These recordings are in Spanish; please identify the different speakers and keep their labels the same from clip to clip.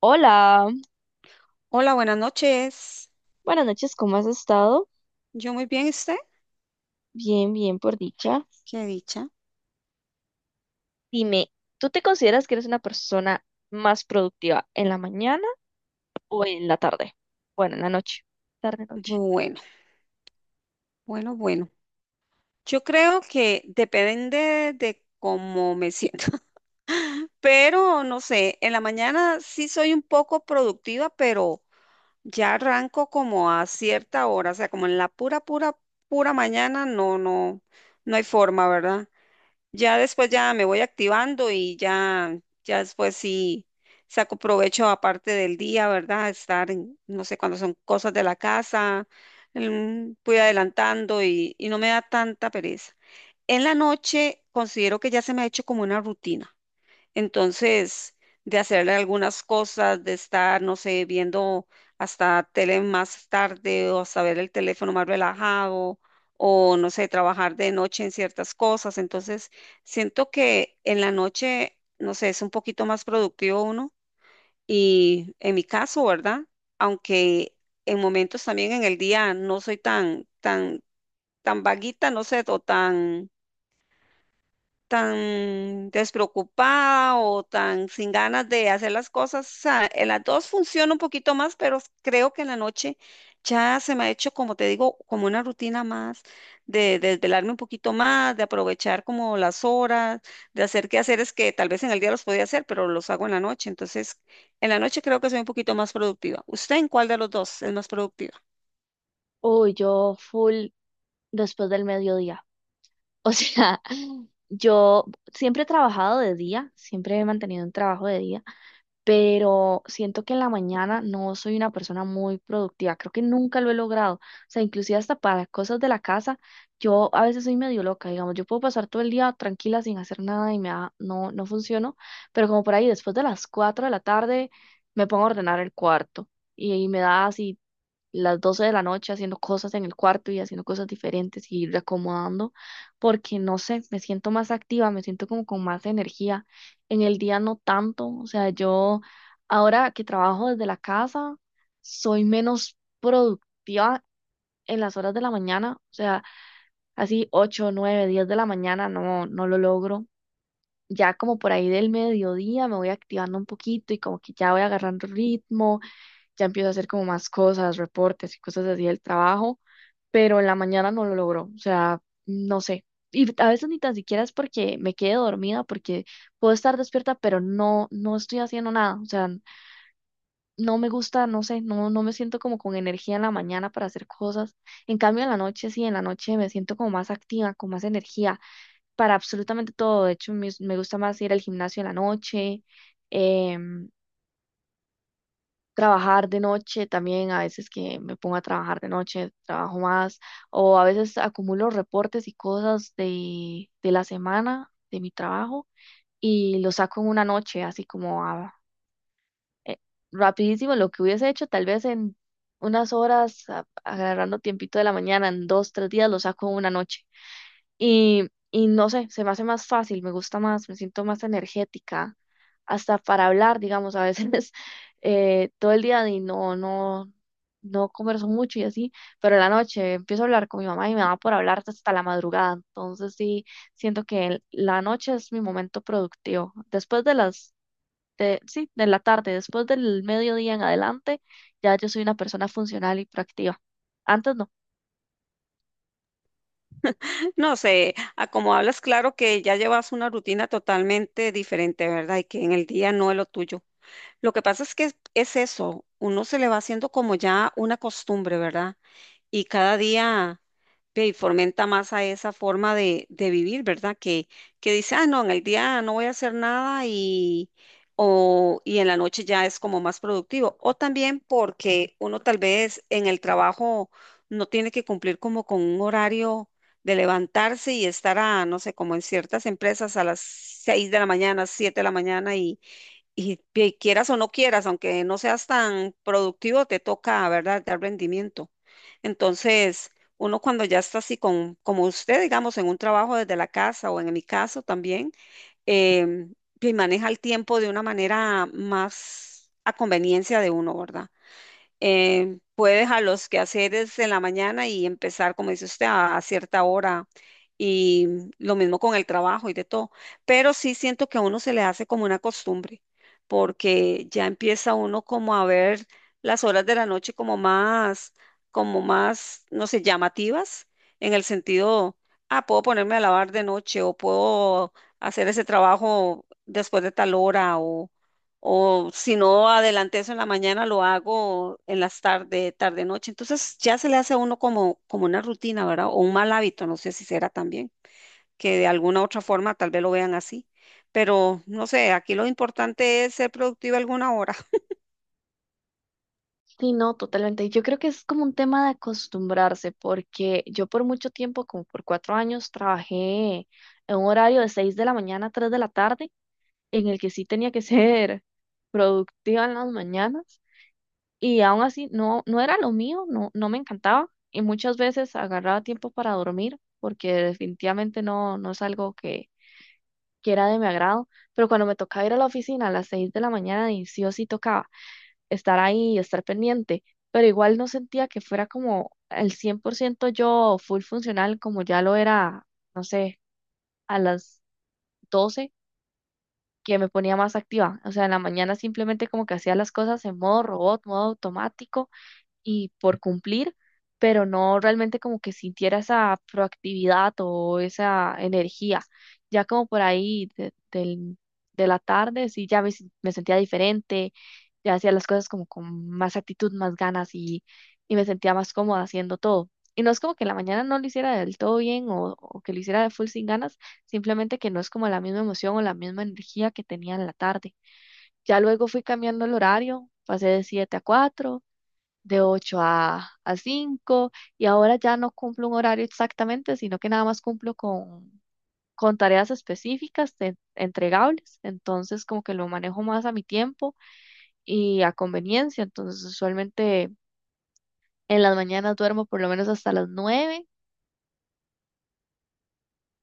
Speaker 1: Hola,
Speaker 2: Hola, buenas noches.
Speaker 1: buenas noches, ¿cómo has estado?
Speaker 2: Yo muy bien, ¿y usted?
Speaker 1: Bien, bien, por dicha.
Speaker 2: Qué dicha.
Speaker 1: Dime, ¿tú te consideras que eres una persona más productiva en la mañana o en la tarde? Bueno, en la noche, tarde, noche.
Speaker 2: Bueno, bueno, bueno. Yo creo que depende de cómo me siento, pero no sé, en la mañana sí soy un poco productiva, pero ya arranco como a cierta hora, o sea, como en la pura, pura, pura mañana, no, no, no hay forma, ¿verdad? Ya después ya me voy activando y ya, ya después sí saco provecho aparte del día, ¿verdad? Estar, en, no sé, cuando son cosas de la casa, voy adelantando y no me da tanta pereza. En la noche considero que ya se me ha hecho como una rutina. Entonces, de hacerle algunas cosas, de estar, no sé, viendo hasta tele más tarde o hasta ver el teléfono más relajado o, no sé, trabajar de noche en ciertas cosas. Entonces, siento que en la noche, no sé, es un poquito más productivo uno y en mi caso, ¿verdad? Aunque en momentos también en el día no soy tan, tan, tan vaguita, no sé, o tan tan despreocupada o tan sin ganas de hacer las cosas. O sea, en las dos funciona un poquito más, pero creo que en la noche ya se me ha hecho, como te digo, como una rutina más, de desvelarme un poquito más, de aprovechar como las horas, de hacer quehaceres que tal vez en el día los podía hacer, pero los hago en la noche. Entonces, en la noche creo que soy un poquito más productiva. ¿Usted en cuál de los dos es más productiva?
Speaker 1: Uy, yo full después del mediodía. O sea, yo siempre he trabajado de día, siempre he mantenido un trabajo de día. Pero siento que en la mañana no soy una persona muy productiva, creo que nunca lo he logrado, o sea, inclusive hasta para cosas de la casa, yo a veces soy medio loca, digamos, yo puedo pasar todo el día tranquila sin hacer nada y no, no funciono, pero como por ahí después de las 4 de la tarde me pongo a ordenar el cuarto y me da así las 12 de la noche haciendo cosas en el cuarto y haciendo cosas diferentes y reacomodando, porque no sé, me siento más activa, me siento como con más energía. En el día no tanto, o sea, yo ahora que trabajo desde la casa, soy menos productiva en las horas de la mañana, o sea, así 8, 9, 10 de la mañana, no, no lo logro. Ya como por ahí del mediodía me voy activando un poquito y como que ya voy agarrando ritmo, ya empiezo a hacer como más cosas, reportes y cosas así del trabajo, pero en la mañana no lo logro, o sea, no sé. Y a veces ni tan siquiera es porque me quede dormida, porque puedo estar despierta, pero no, no estoy haciendo nada, o sea, no me gusta, no sé, no, no me siento como con energía en la mañana para hacer cosas. En cambio, en la noche sí, en la noche me siento como más activa, con más energía para absolutamente todo. De hecho, me gusta más ir al gimnasio en la noche. em, Trabajar de noche también, a veces que me pongo a trabajar de noche, trabajo más, o a veces acumulo reportes y cosas de la semana de mi trabajo y los saco en una noche, así como eh, rapidísimo lo que hubiese hecho, tal vez en unas horas, agarrando tiempito de la mañana, en 2, 3 días, lo saco en una noche. Y no sé, se me hace más fácil, me gusta más, me siento más energética, hasta para hablar, digamos, a veces todo el día y no, no, no converso mucho y así, pero en la noche empiezo a hablar con mi mamá y me da por hablar hasta la madrugada, entonces sí, siento que la noche es mi momento productivo. Después de las, de, sí, de la tarde, después del mediodía en adelante, ya yo soy una persona funcional y proactiva. Antes no.
Speaker 2: No sé, a como hablas, claro que ya llevas una rutina totalmente diferente, ¿verdad? Y que en el día no es lo tuyo. Lo que pasa es que es eso, uno se le va haciendo como ya una costumbre, ¿verdad? Y cada día ve, fomenta más a esa forma de vivir, ¿verdad? Que dice, ah, no, en el día no voy a hacer nada y, o, y en la noche ya es como más productivo. O también porque uno tal vez en el trabajo no tiene que cumplir como con un horario de levantarse y estar a, no sé, como en ciertas empresas a las 6 de la mañana, 7 de la mañana y quieras o no quieras, aunque no seas tan productivo, te toca, ¿verdad?, dar rendimiento. Entonces, uno cuando ya está así con, como usted, digamos, en un trabajo desde la casa o en mi caso también, maneja el tiempo de una manera más a conveniencia de uno, ¿verdad? Puede dejar los quehaceres en la mañana y empezar, como dice usted, a cierta hora. Y lo mismo con el trabajo y de todo. Pero sí siento que a uno se le hace como una costumbre, porque ya empieza uno como a ver las horas de la noche como más, no sé, llamativas, en el sentido, ah, puedo ponerme a lavar de noche o puedo hacer ese trabajo después de tal hora o si no adelanté eso en la mañana, lo hago en las tarde, tarde, noche. Entonces ya se le hace a uno como, como una rutina, ¿verdad? O un mal hábito, no sé si será también, que de alguna otra forma tal vez lo vean así. Pero no sé, aquí lo importante es ser productivo alguna hora.
Speaker 1: Sí, no, totalmente. Y yo creo que es como un tema de acostumbrarse, porque yo por mucho tiempo, como por 4 años, trabajé en un horario de 6 de la mañana a 3 de la tarde, en el que sí tenía que ser productiva en las mañanas, y aún así no, no era lo mío, no, no me encantaba, y muchas veces agarraba tiempo para dormir, porque definitivamente no, no es algo que era de mi agrado, pero cuando me tocaba ir a la oficina a las 6 de la mañana, y sí o sí tocaba estar ahí y estar pendiente, pero igual no sentía que fuera como el 100% yo full funcional como ya lo era, no sé, a las 12 que me ponía más activa. O sea, en la mañana simplemente como que hacía las cosas en modo robot, modo automático y por cumplir, pero no realmente como que sintiera esa proactividad o esa energía. Ya como por ahí de la tarde, sí, ya me sentía diferente, ya hacía las cosas como con más actitud, más ganas y me sentía más cómoda haciendo todo. Y no es como que en la mañana no lo hiciera del todo bien o que lo hiciera de full sin ganas, simplemente que no es como la misma emoción o la misma energía que tenía en la tarde. Ya luego fui cambiando el horario, pasé de 7 a 4, de 8 a cinco, y ahora ya no cumplo un horario exactamente, sino que nada más cumplo con tareas específicas entregables, entonces como que lo manejo más a mi tiempo y a conveniencia, entonces usualmente en las mañanas duermo por lo menos hasta las 9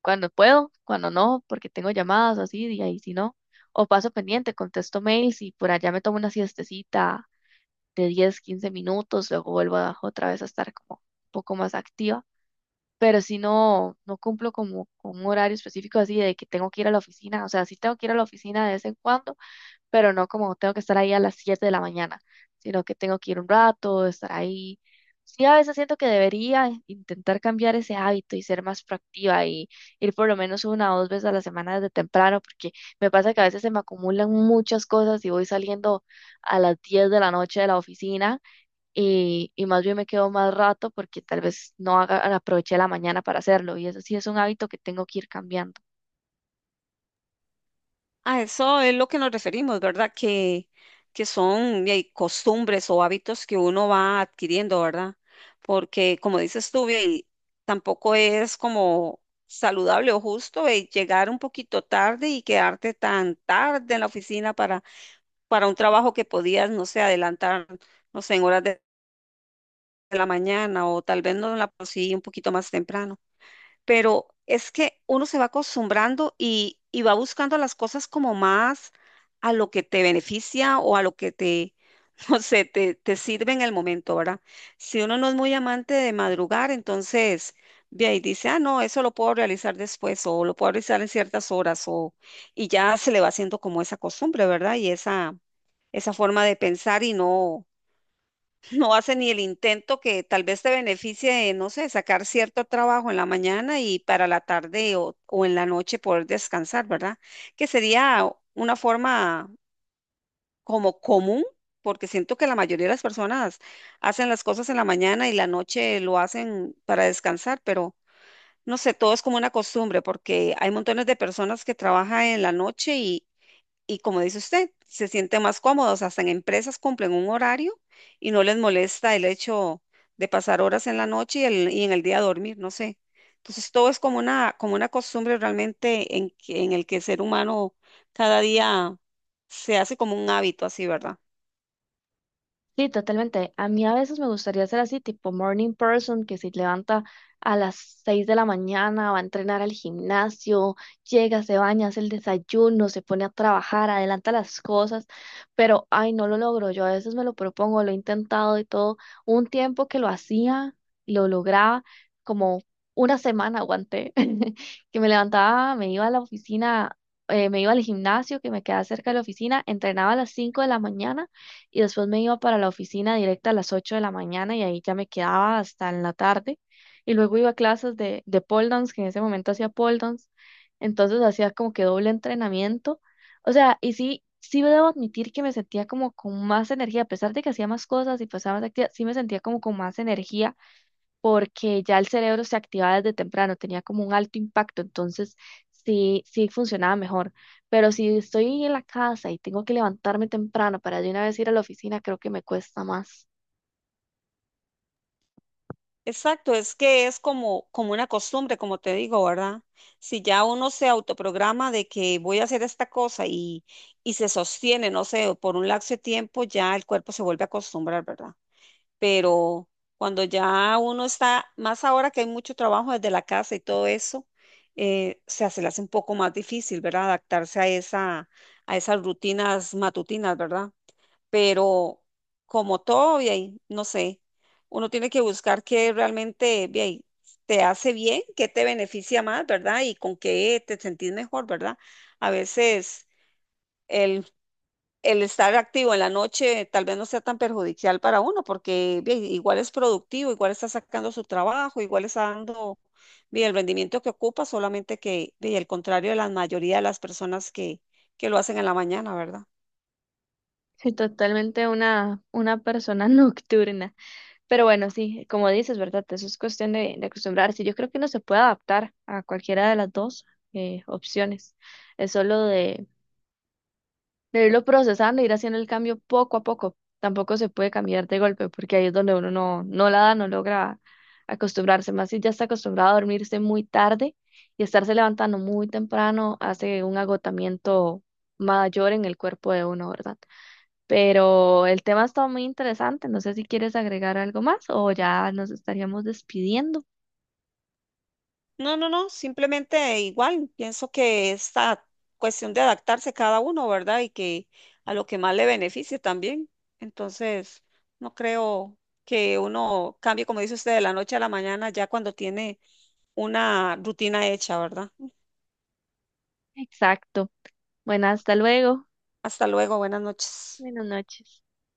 Speaker 1: cuando puedo, cuando no, porque tengo llamadas o así, y ahí si no, o paso pendiente, contesto mails y por allá me tomo una siestecita de 10, 15 minutos, luego otra vez a estar como un poco más activa, pero si no, no cumplo como con un horario específico así de que tengo que ir a la oficina, o sea, sí tengo que ir a la oficina de vez en cuando, pero no como tengo que estar ahí a las 7 de la mañana, sino que tengo que ir un rato, estar ahí. Sí, a veces siento que debería intentar cambiar ese hábito y ser más proactiva y ir por lo menos una o dos veces a la semana desde temprano, porque me pasa que a veces se me acumulan muchas cosas y voy saliendo a las 10 de la noche de la oficina y más bien me quedo más rato porque tal vez no haga, aproveché la mañana para hacerlo y eso sí es un hábito que tengo que ir cambiando.
Speaker 2: A eso es lo que nos referimos, ¿verdad? Que son de ahí, costumbres o hábitos que uno va adquiriendo, ¿verdad? Porque, como dices tú, de ahí, tampoco es como saludable o justo de llegar un poquito tarde y quedarte tan tarde en la oficina para un trabajo que podías, no sé, adelantar, no sé, en horas de la mañana o tal vez no la conseguí un poquito más temprano, pero es que uno se va acostumbrando y va buscando las cosas como más a lo que te beneficia o a lo que te, no sé, te sirve en el momento, ¿verdad? Si uno no es muy amante de madrugar, entonces de ahí dice, ah, no, eso lo puedo realizar después o lo puedo realizar en ciertas horas o y ya se le va haciendo como esa costumbre, ¿verdad? Y esa, forma de pensar y no hace ni el intento que tal vez te beneficie de, no sé, sacar cierto trabajo en la mañana y para la tarde o en la noche poder descansar, ¿verdad? Que sería una forma como común, porque siento que la mayoría de las personas hacen las cosas en la mañana y la noche lo hacen para descansar, pero no sé, todo es como una costumbre, porque hay montones de personas que trabajan en la noche y como dice usted, se sienten más cómodos, hasta en empresas cumplen un horario y no les molesta el hecho de pasar horas en la noche y, y en el día dormir, no sé. Entonces todo es como una costumbre realmente en, en el que el ser humano cada día se hace como un hábito así, ¿verdad?
Speaker 1: Sí, totalmente. A mí a veces me gustaría ser así, tipo morning person, que se levanta a las 6 de la mañana, va a entrenar al gimnasio, llega, se baña, hace el desayuno, se pone a trabajar, adelanta las cosas, pero ay, no lo logro. Yo a veces me lo propongo, lo he intentado y todo. Hubo un tiempo que lo hacía, lo lograba, como una semana aguanté, que me levantaba, me iba a la oficina, me iba al gimnasio que me quedaba cerca de la oficina, entrenaba a las 5 de la mañana y después me iba para la oficina directa a las 8 de la mañana y ahí ya me quedaba hasta en la tarde. Y luego iba a clases de pole dance, que en ese momento hacía pole dance, entonces hacía como que doble entrenamiento. O sea, y sí, sí debo admitir que me sentía como con más energía, a pesar de que hacía más cosas y pasaba más actividad, sí me sentía como con más energía porque ya el cerebro se activaba desde temprano, tenía como un alto impacto, entonces sí, sí funcionaba mejor. Pero si estoy en la casa y tengo que levantarme temprano para de una vez ir a la oficina, creo que me cuesta más.
Speaker 2: Exacto, es que es como, como una costumbre, como te digo, ¿verdad? Si ya uno se autoprograma de que voy a hacer esta cosa y se sostiene, no sé, por un lapso de tiempo, ya el cuerpo se vuelve a acostumbrar, ¿verdad? Pero cuando ya uno está, más ahora que hay mucho trabajo desde la casa y todo eso, o sea, se le hace un poco más difícil, ¿verdad? Adaptarse a esa, a esas rutinas matutinas, ¿verdad? Pero como todo, y ahí, no sé, uno tiene que buscar qué realmente, ve ahí, te hace bien, qué te beneficia más, ¿verdad? Y con qué te sentís mejor, ¿verdad? A veces, El el estar activo en la noche tal vez no sea tan perjudicial para uno, porque bien, igual es productivo, igual está sacando su trabajo, igual está dando bien, el rendimiento que ocupa, solamente que bien, el contrario de la mayoría de las personas que, lo hacen en la mañana, ¿verdad?
Speaker 1: Soy totalmente una persona nocturna. Pero bueno, sí, como dices, ¿verdad? Eso es cuestión de acostumbrarse. Yo creo que no se puede adaptar a cualquiera de las dos opciones. Es solo de irlo procesando, ir haciendo el cambio poco a poco. Tampoco se puede cambiar de golpe, porque ahí es donde uno no, no la da, no logra acostumbrarse. Más si ya está acostumbrado a dormirse muy tarde y estarse levantando muy temprano, hace un agotamiento mayor en el cuerpo de uno, ¿verdad? Pero el tema está muy interesante. No sé si quieres agregar algo más o ya nos estaríamos despidiendo.
Speaker 2: No, no, no, simplemente igual, pienso que esta cuestión de adaptarse cada uno, ¿verdad? Y que a lo que más le beneficie también. Entonces, no creo que uno cambie, como dice usted, de la noche a la mañana, ya cuando tiene una rutina hecha, ¿verdad?
Speaker 1: Exacto. Bueno, hasta luego.
Speaker 2: Hasta luego, buenas noches.
Speaker 1: Buenas noches.